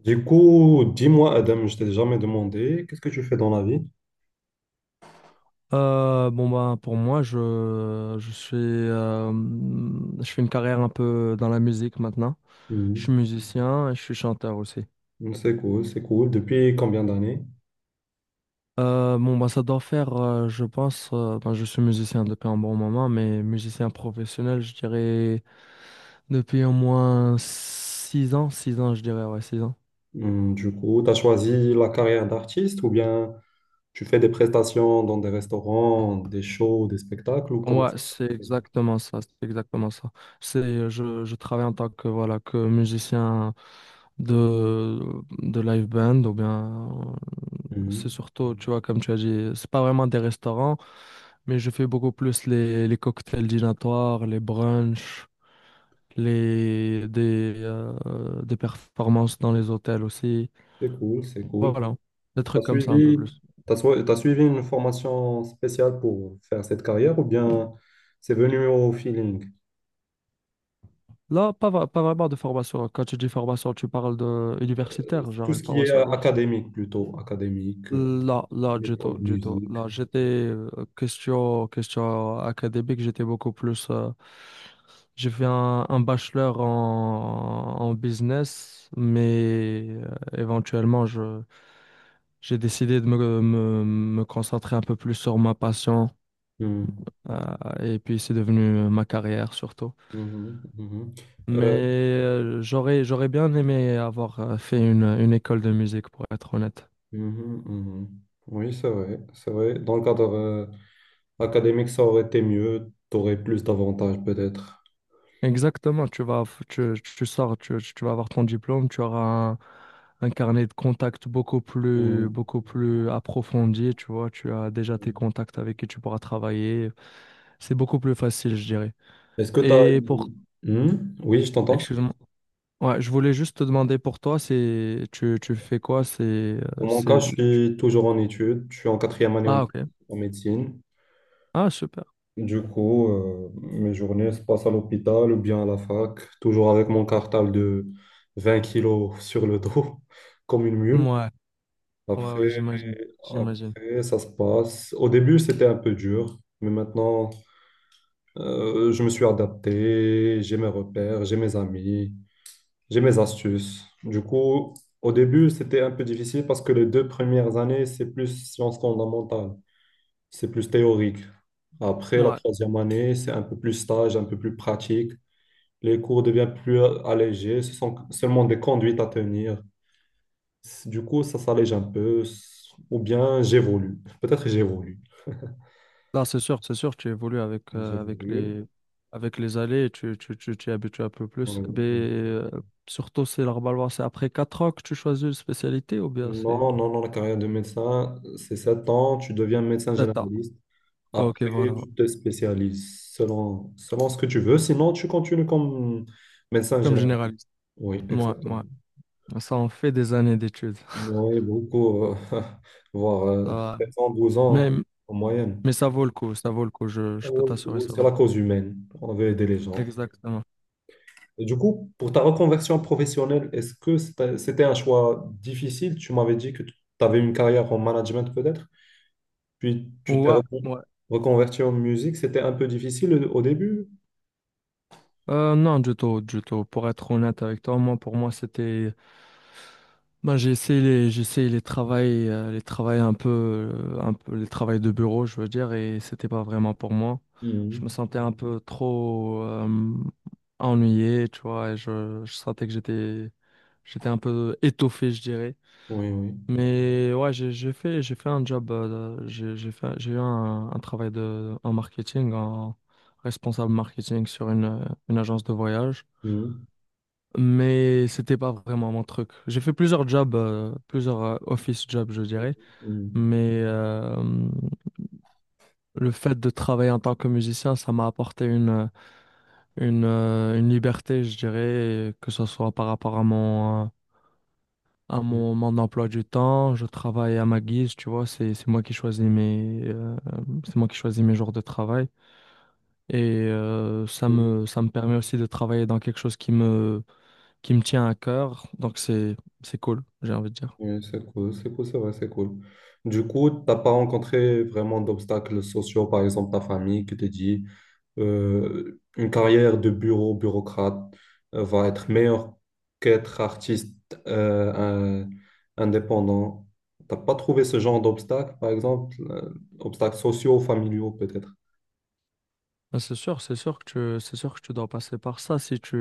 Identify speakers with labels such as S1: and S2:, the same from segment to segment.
S1: Du coup, dis-moi, Adam, je t'ai jamais demandé, qu'est-ce que tu fais dans la vie?
S2: Bon bah pour moi je suis je fais une carrière un peu dans la musique maintenant. Je suis
S1: Mhm.
S2: musicien et je suis chanteur aussi.
S1: C'est cool, c'est cool. Depuis combien d'années?
S2: Bon bah ça doit faire je pense ben, je suis musicien depuis un bon moment mais musicien professionnel je dirais depuis au moins 6 ans je dirais ouais 6 ans.
S1: Mhm, Du coup, tu as choisi la carrière d'artiste ou bien tu fais des prestations dans des restaurants, des shows, des spectacles ou comment
S2: Ouais,
S1: ça
S2: c'est
S1: se passe?
S2: exactement ça, c'est exactement ça. Je travaille en tant que, voilà, que musicien de, de live band, ou bien, c'est
S1: Mhm.
S2: surtout, tu vois, comme tu as dit, c'est pas vraiment des restaurants, mais je fais beaucoup plus les cocktails dînatoires, les brunchs, des performances dans les hôtels aussi.
S1: C'est cool, c'est cool.
S2: Voilà, des
S1: Tu as
S2: trucs comme ça un peu
S1: suivi,
S2: plus.
S1: t'as suivi une formation spéciale pour faire cette carrière ou bien c'est venu au feeling?
S2: Là, pas, vra- Pas vraiment de formation. Quand tu dis formation, tu parles de universitaire,
S1: Tout
S2: genre une
S1: ce qui est
S2: formation universitaire.
S1: académique plutôt, académique,
S2: Là, là, du tout,
S1: école,
S2: du tout.
S1: musique.
S2: Là, j'étais question, question académique, j'étais beaucoup plus. J'ai fait un bachelor en business, mais éventuellement, je, j'ai décidé de me concentrer un peu plus sur ma passion, euh, et puis c'est devenu ma carrière surtout.
S1: Mhm, mhm.
S2: Mais
S1: Euh,
S2: j'aurais bien aimé avoir fait une école de musique, pour être honnête.
S1: mhm, mhm. Oui, c'est vrai, c'est vrai. Dans le cadre académique, ça aurait été mieux, tu aurais plus d'avantages peut-être.
S2: Exactement, tu sors, tu vas avoir ton diplôme, tu auras un, un carnet de contacts
S1: Mhm.
S2: beaucoup plus approfondi, tu vois, tu as déjà tes contacts avec qui tu pourras travailler. C'est beaucoup plus facile, je dirais.
S1: Est-ce que tu as...
S2: Et pour,
S1: Oui, je t'entends.
S2: excuse-moi, ouais, je voulais juste te demander pour toi, tu fais quoi?
S1: Pour mon cas,
S2: C'est,
S1: je suis toujours en études, je suis en quatrième année en
S2: ah, ok.
S1: en médecine.
S2: Ah, super.
S1: Du coup, mes journées se passent à l'hôpital ou bien à la fac, toujours avec mon cartable de 20 kilos sur le dos, comme une
S2: Ouais,
S1: mule.
S2: ouais, ouais,
S1: Après,
S2: j'imagine, j'imagine.
S1: Après, ça se passe. Au début, c'était un peu dur, mais maintenant, je me suis adapté, j'ai mes repères, j'ai mes amis, j'ai mes astuces. Du coup, au début, c'était un peu difficile parce que les deux premières années, c'est plus sciences fondamentales, c'est plus théorique. Après, la
S2: Ouais.
S1: troisième année, c'est un peu plus stage, un peu plus pratique. Les cours deviennent plus allégés, ce sont seulement des conduites à tenir. Du coup, ça s'allège un peu, ou bien j'évolue. Peut-être j'évolue.
S2: Non, c'est sûr, tu évolues avec,
S1: J'ai voulu.
S2: avec les allées et tu t'y habitues un peu plus.
S1: Oui.
S2: Mais surtout, c'est normalement, c'est après 4 ans que tu choisis une spécialité ou bien
S1: Non,
S2: c'est
S1: non, non, la carrière de médecin, c'est 7 ans, tu deviens médecin
S2: 7 ans.
S1: généraliste.
S2: Ok,
S1: Après,
S2: voilà.
S1: tu te spécialises selon ce que tu veux. Sinon, tu continues comme médecin
S2: Comme
S1: général.
S2: généraliste.
S1: Oui,
S2: Moi,
S1: exactement.
S2: ça en fait des années d'études.
S1: Oui, beaucoup, voire
S2: Ça va.
S1: 7 ans, 12 ans hein,
S2: Mais,
S1: en moyenne.
S2: mais ça vaut le coup, ça vaut le coup, je peux
S1: Oui,
S2: t'assurer,
S1: oui,
S2: ça
S1: c'est
S2: vaut le
S1: la
S2: coup.
S1: cause humaine. On veut aider les gens.
S2: Exactement.
S1: Et du coup, pour ta reconversion professionnelle, est-ce que c'était un choix difficile? Tu m'avais dit que tu avais une carrière en management peut-être? Puis tu t'es
S2: Ouais, ouais.
S1: reconverti en musique, c'était un peu difficile au début.
S2: Non, du tout, du tout. Pour être honnête avec toi, moi, pour moi, c'était bah, j'ai essayé les travails, les travails de bureau, je veux dire, et c'était pas vraiment pour moi. Je me
S1: Mhm.
S2: sentais un peu trop ennuyé, tu vois, et je sentais que j'étais un peu étoffé, je dirais.
S1: Oui, oui.
S2: Mais ouais, j'ai fait un job, j'ai eu un travail de, en marketing, en responsable marketing sur une agence de voyage
S1: Mhm.
S2: mais c'était pas vraiment mon truc. J'ai fait plusieurs jobs, plusieurs office jobs, je dirais,
S1: Mhm.
S2: mais le fait de travailler en tant que musicien, ça m'a apporté une liberté, je dirais, que ce soit par rapport à
S1: Mhm.
S2: mon emploi du temps. Je travaille à ma guise, tu vois, c'est moi qui choisis c'est moi qui choisis mes jours de travail. Et
S1: Mhm.
S2: ça me permet aussi de travailler dans quelque chose qui me tient à cœur, donc c'est cool, j'ai envie de dire.
S1: Oui, c'est cool, c'est cool, c'est vrai, c'est cool. Du coup, t'as pas rencontré vraiment d'obstacles sociaux, par exemple ta famille qui te dit une carrière de bureau, bureaucrate va être meilleure qu'être artiste euh, un- indépendant. T'as pas trouvé ce genre d'obstacles, par exemple, obstacles sociaux, familiaux peut-être?
S2: Ah, c'est sûr, c'est sûr que tu dois passer par ça si tu,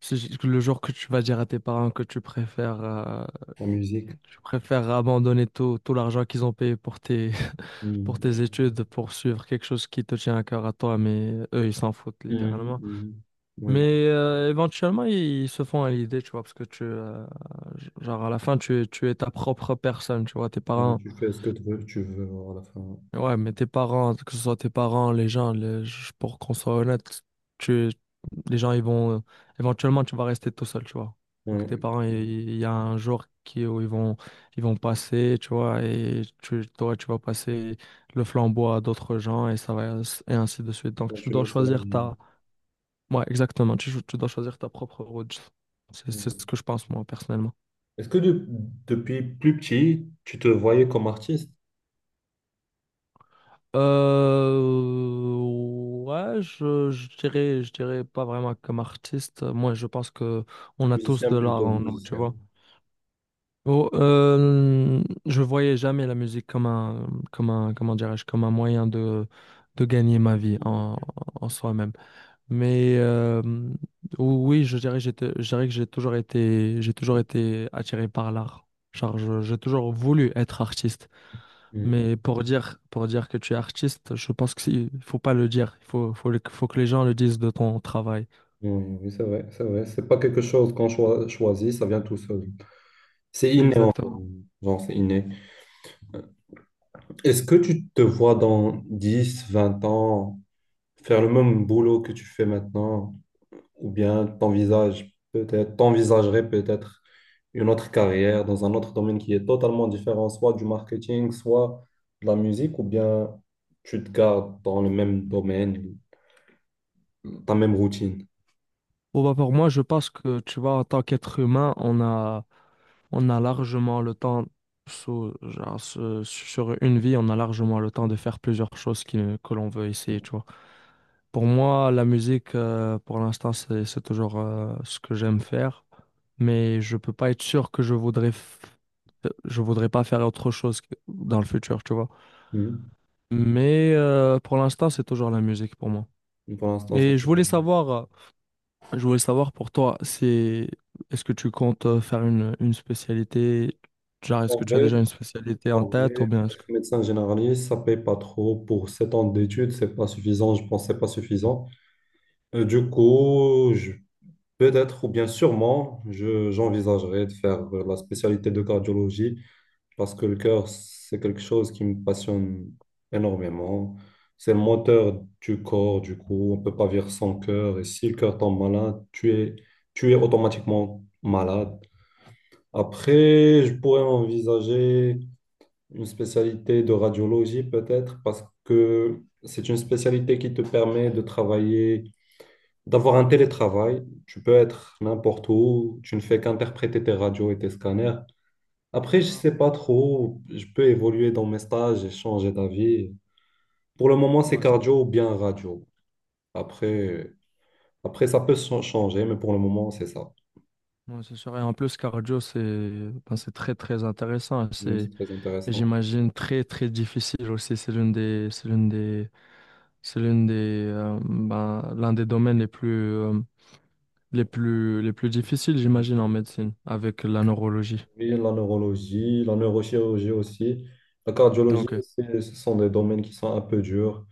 S2: si j- le jour que tu vas dire à tes parents que
S1: En musique.
S2: tu préfères abandonner tout, tout l'argent qu'ils ont payé pour tes, pour tes
S1: Mhm.
S2: études, pour suivre quelque chose qui te tient à cœur à toi, mais eux, ils s'en foutent
S1: Mhm.
S2: littéralement.
S1: Mhm. Ouais.
S2: Mais éventuellement, ils se font à l'idée, tu vois, parce que genre à la fin, tu es ta propre personne, tu vois, tes
S1: Et
S2: parents.
S1: tu fais ce que tu veux à la fin.
S2: Ouais, mais tes parents, que ce soit tes parents, les gens, les- je- pour qu'on soit honnête, tu, les gens, ils vont, éventuellement, tu vas rester tout seul, tu vois. Donc, tes
S1: Ouais.
S2: parents, il y a un jour qui, où ils vont passer, tu vois, et toi, tu vas passer le flambeau à d'autres gens, et ça va, et ainsi de suite.
S1: À
S2: Donc, tu dois
S1: continuer, c'est la
S2: choisir
S1: vie.
S2: ta, ouais, exactement, tu dois choisir ta propre route. C'est
S1: Ouais.
S2: ce que je pense, moi, personnellement.
S1: Est-ce que depuis plus petit, tu te voyais comme artiste?
S2: Euh, ouais, je dirais pas vraiment comme artiste. Moi, je pense que on a tous
S1: Musicien
S2: de l'art
S1: plutôt,
S2: en nous, tu
S1: musicien.
S2: vois. Oh, je voyais jamais la musique comme un, comment dirais-je, comme un moyen de gagner ma vie
S1: Mhm.
S2: en soi-même. Mais oui, je dirais, j'étais, je dirais que j'ai toujours été attiré par l'art. J'ai toujours voulu être artiste.
S1: Mhm.
S2: Mais pour dire que tu es artiste, je pense qu'il faut pas le dire. Il faut, faut, le- Faut que les gens le disent de ton travail.
S1: Oui, oui, c'est vrai, c'est vrai. C'est pas quelque chose qu'on choisit, ça vient tout seul. C'est inné encore.
S2: Exactement.
S1: Genre, c'est inné. Est-ce que tu te vois dans 10, 20 ans faire le même boulot que tu fais maintenant? Ou bien t'envisages peut-être, t'envisagerais peut-être une autre carrière dans un autre domaine qui est totalement différent, soit du marketing, soit de la musique, ou bien tu te gardes dans le même domaine, ta même routine.
S2: Bon, bah, pour moi, je pense que, tu vois, en tant qu'être humain, on a largement le temps, sur une vie, on a largement le temps de faire plusieurs choses qui, que l'on veut essayer, tu vois. Pour moi, la musique, pour l'instant, c'est toujours, ce que j'aime faire. Mais je peux pas être sûr que je voudrais, f- je voudrais pas faire autre chose que- dans le futur, tu vois.
S1: Mhm.
S2: Mais pour l'instant, c'est toujours la musique pour moi.
S1: Pour l'instant, ça
S2: Et je
S1: te
S2: voulais
S1: permet.
S2: savoir, pour toi, c'est est-ce que tu comptes faire une spécialité, genre est-ce
S1: En
S2: que tu as
S1: vrai,
S2: déjà une spécialité en
S1: en
S2: tête
S1: vrai,
S2: ou bien est-ce
S1: être
S2: que...
S1: médecin généraliste, ça paye pas trop. Pour 7 ans d'études, c'est pas suffisant. Je pense que c'est pas suffisant. Du coup, peut-être ou bien sûrement, j'envisagerais de faire la spécialité de cardiologie parce que le cœur, c'est quelque chose qui me passionne énormément. C'est le moteur du corps, du coup, on ne peut pas vivre sans cœur. Et si le cœur tombe malade, tu es automatiquement malade. Après, je pourrais envisager une spécialité de radiologie peut-être, parce que c'est une spécialité qui te permet de travailler, d'avoir un télétravail. Tu peux être n'importe où, tu ne fais qu'interpréter tes radios et tes scanners. Après, je
S2: Ah,
S1: sais pas trop, je peux évoluer dans mes stages et changer d'avis. Pour le moment, c'est
S2: ouais, c'est
S1: cardio ou bien radio. Après, ça peut changer, mais pour le moment, c'est ça.
S2: ouais, c'est sûr. Et en plus, cardio, c'est ben, c'est très très intéressant.
S1: Oui, c'est très intéressant.
S2: J'imagine, très très difficile aussi. C'est l'une des, c'est l'une des, c'est l'une des, ben, L'un des domaines les plus difficiles,
S1: Oui,
S2: j'imagine, en médecine, avec la neurologie.
S1: oui, la neurologie, la neurochirurgie aussi. La cardiologie,
S2: Ok,
S1: ce sont des domaines qui sont un peu durs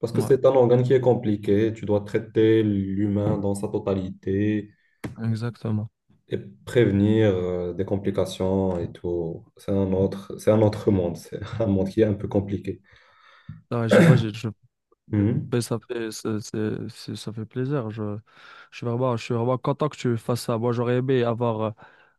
S1: parce que
S2: ouais,
S1: c'est un organe qui est compliqué. Tu dois traiter l'humain dans sa totalité.
S2: exactement.
S1: Et prévenir des complications et tout. C'est un autre monde, c'est un monde qui est un peu compliqué.
S2: Ah, j'y vais, j'ai- je, ben,
S1: Mhm.
S2: ça fait, c'est- Ça fait plaisir. Je suis vraiment content que tu fasses ça. Moi, j'aurais aimé avoir,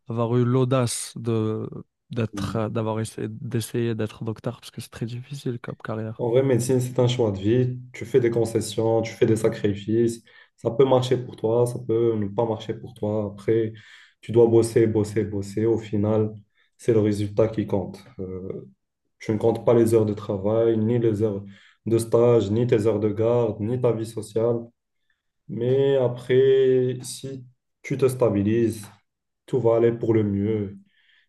S2: avoir eu l'audace de,
S1: Mhm.
S2: d'essayer d'être docteur parce que c'est très difficile comme carrière.
S1: En vrai, médecine, c'est un choix de vie. Tu fais des concessions, tu fais des sacrifices. Ça peut marcher pour toi, ça peut ne pas marcher pour toi. Après, tu dois bosser, bosser, bosser. Au final, c'est le résultat qui compte. Tu ne comptes pas les heures de travail, ni les heures de stage, ni tes heures de garde, ni ta vie sociale. Mais après, si tu te stabilises, tout va aller pour le mieux.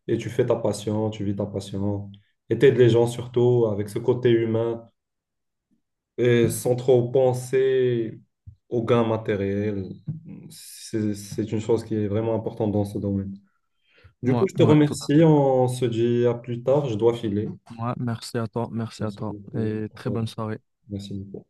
S1: Et tu fais ta passion, tu vis ta passion. Et t'aides les gens surtout avec ce côté humain et sans trop penser aux gains matériels. C'est une chose qui est vraiment importante dans ce domaine. Du
S2: Ouais,
S1: coup, je te
S2: ouais, tout à
S1: remercie.
S2: fait.
S1: On se dit à plus tard. Je dois filer.
S2: Ouais, merci à
S1: Merci
S2: toi
S1: beaucoup.
S2: et
S1: On se
S2: très bonne
S1: retrouve.
S2: soirée.
S1: Merci beaucoup.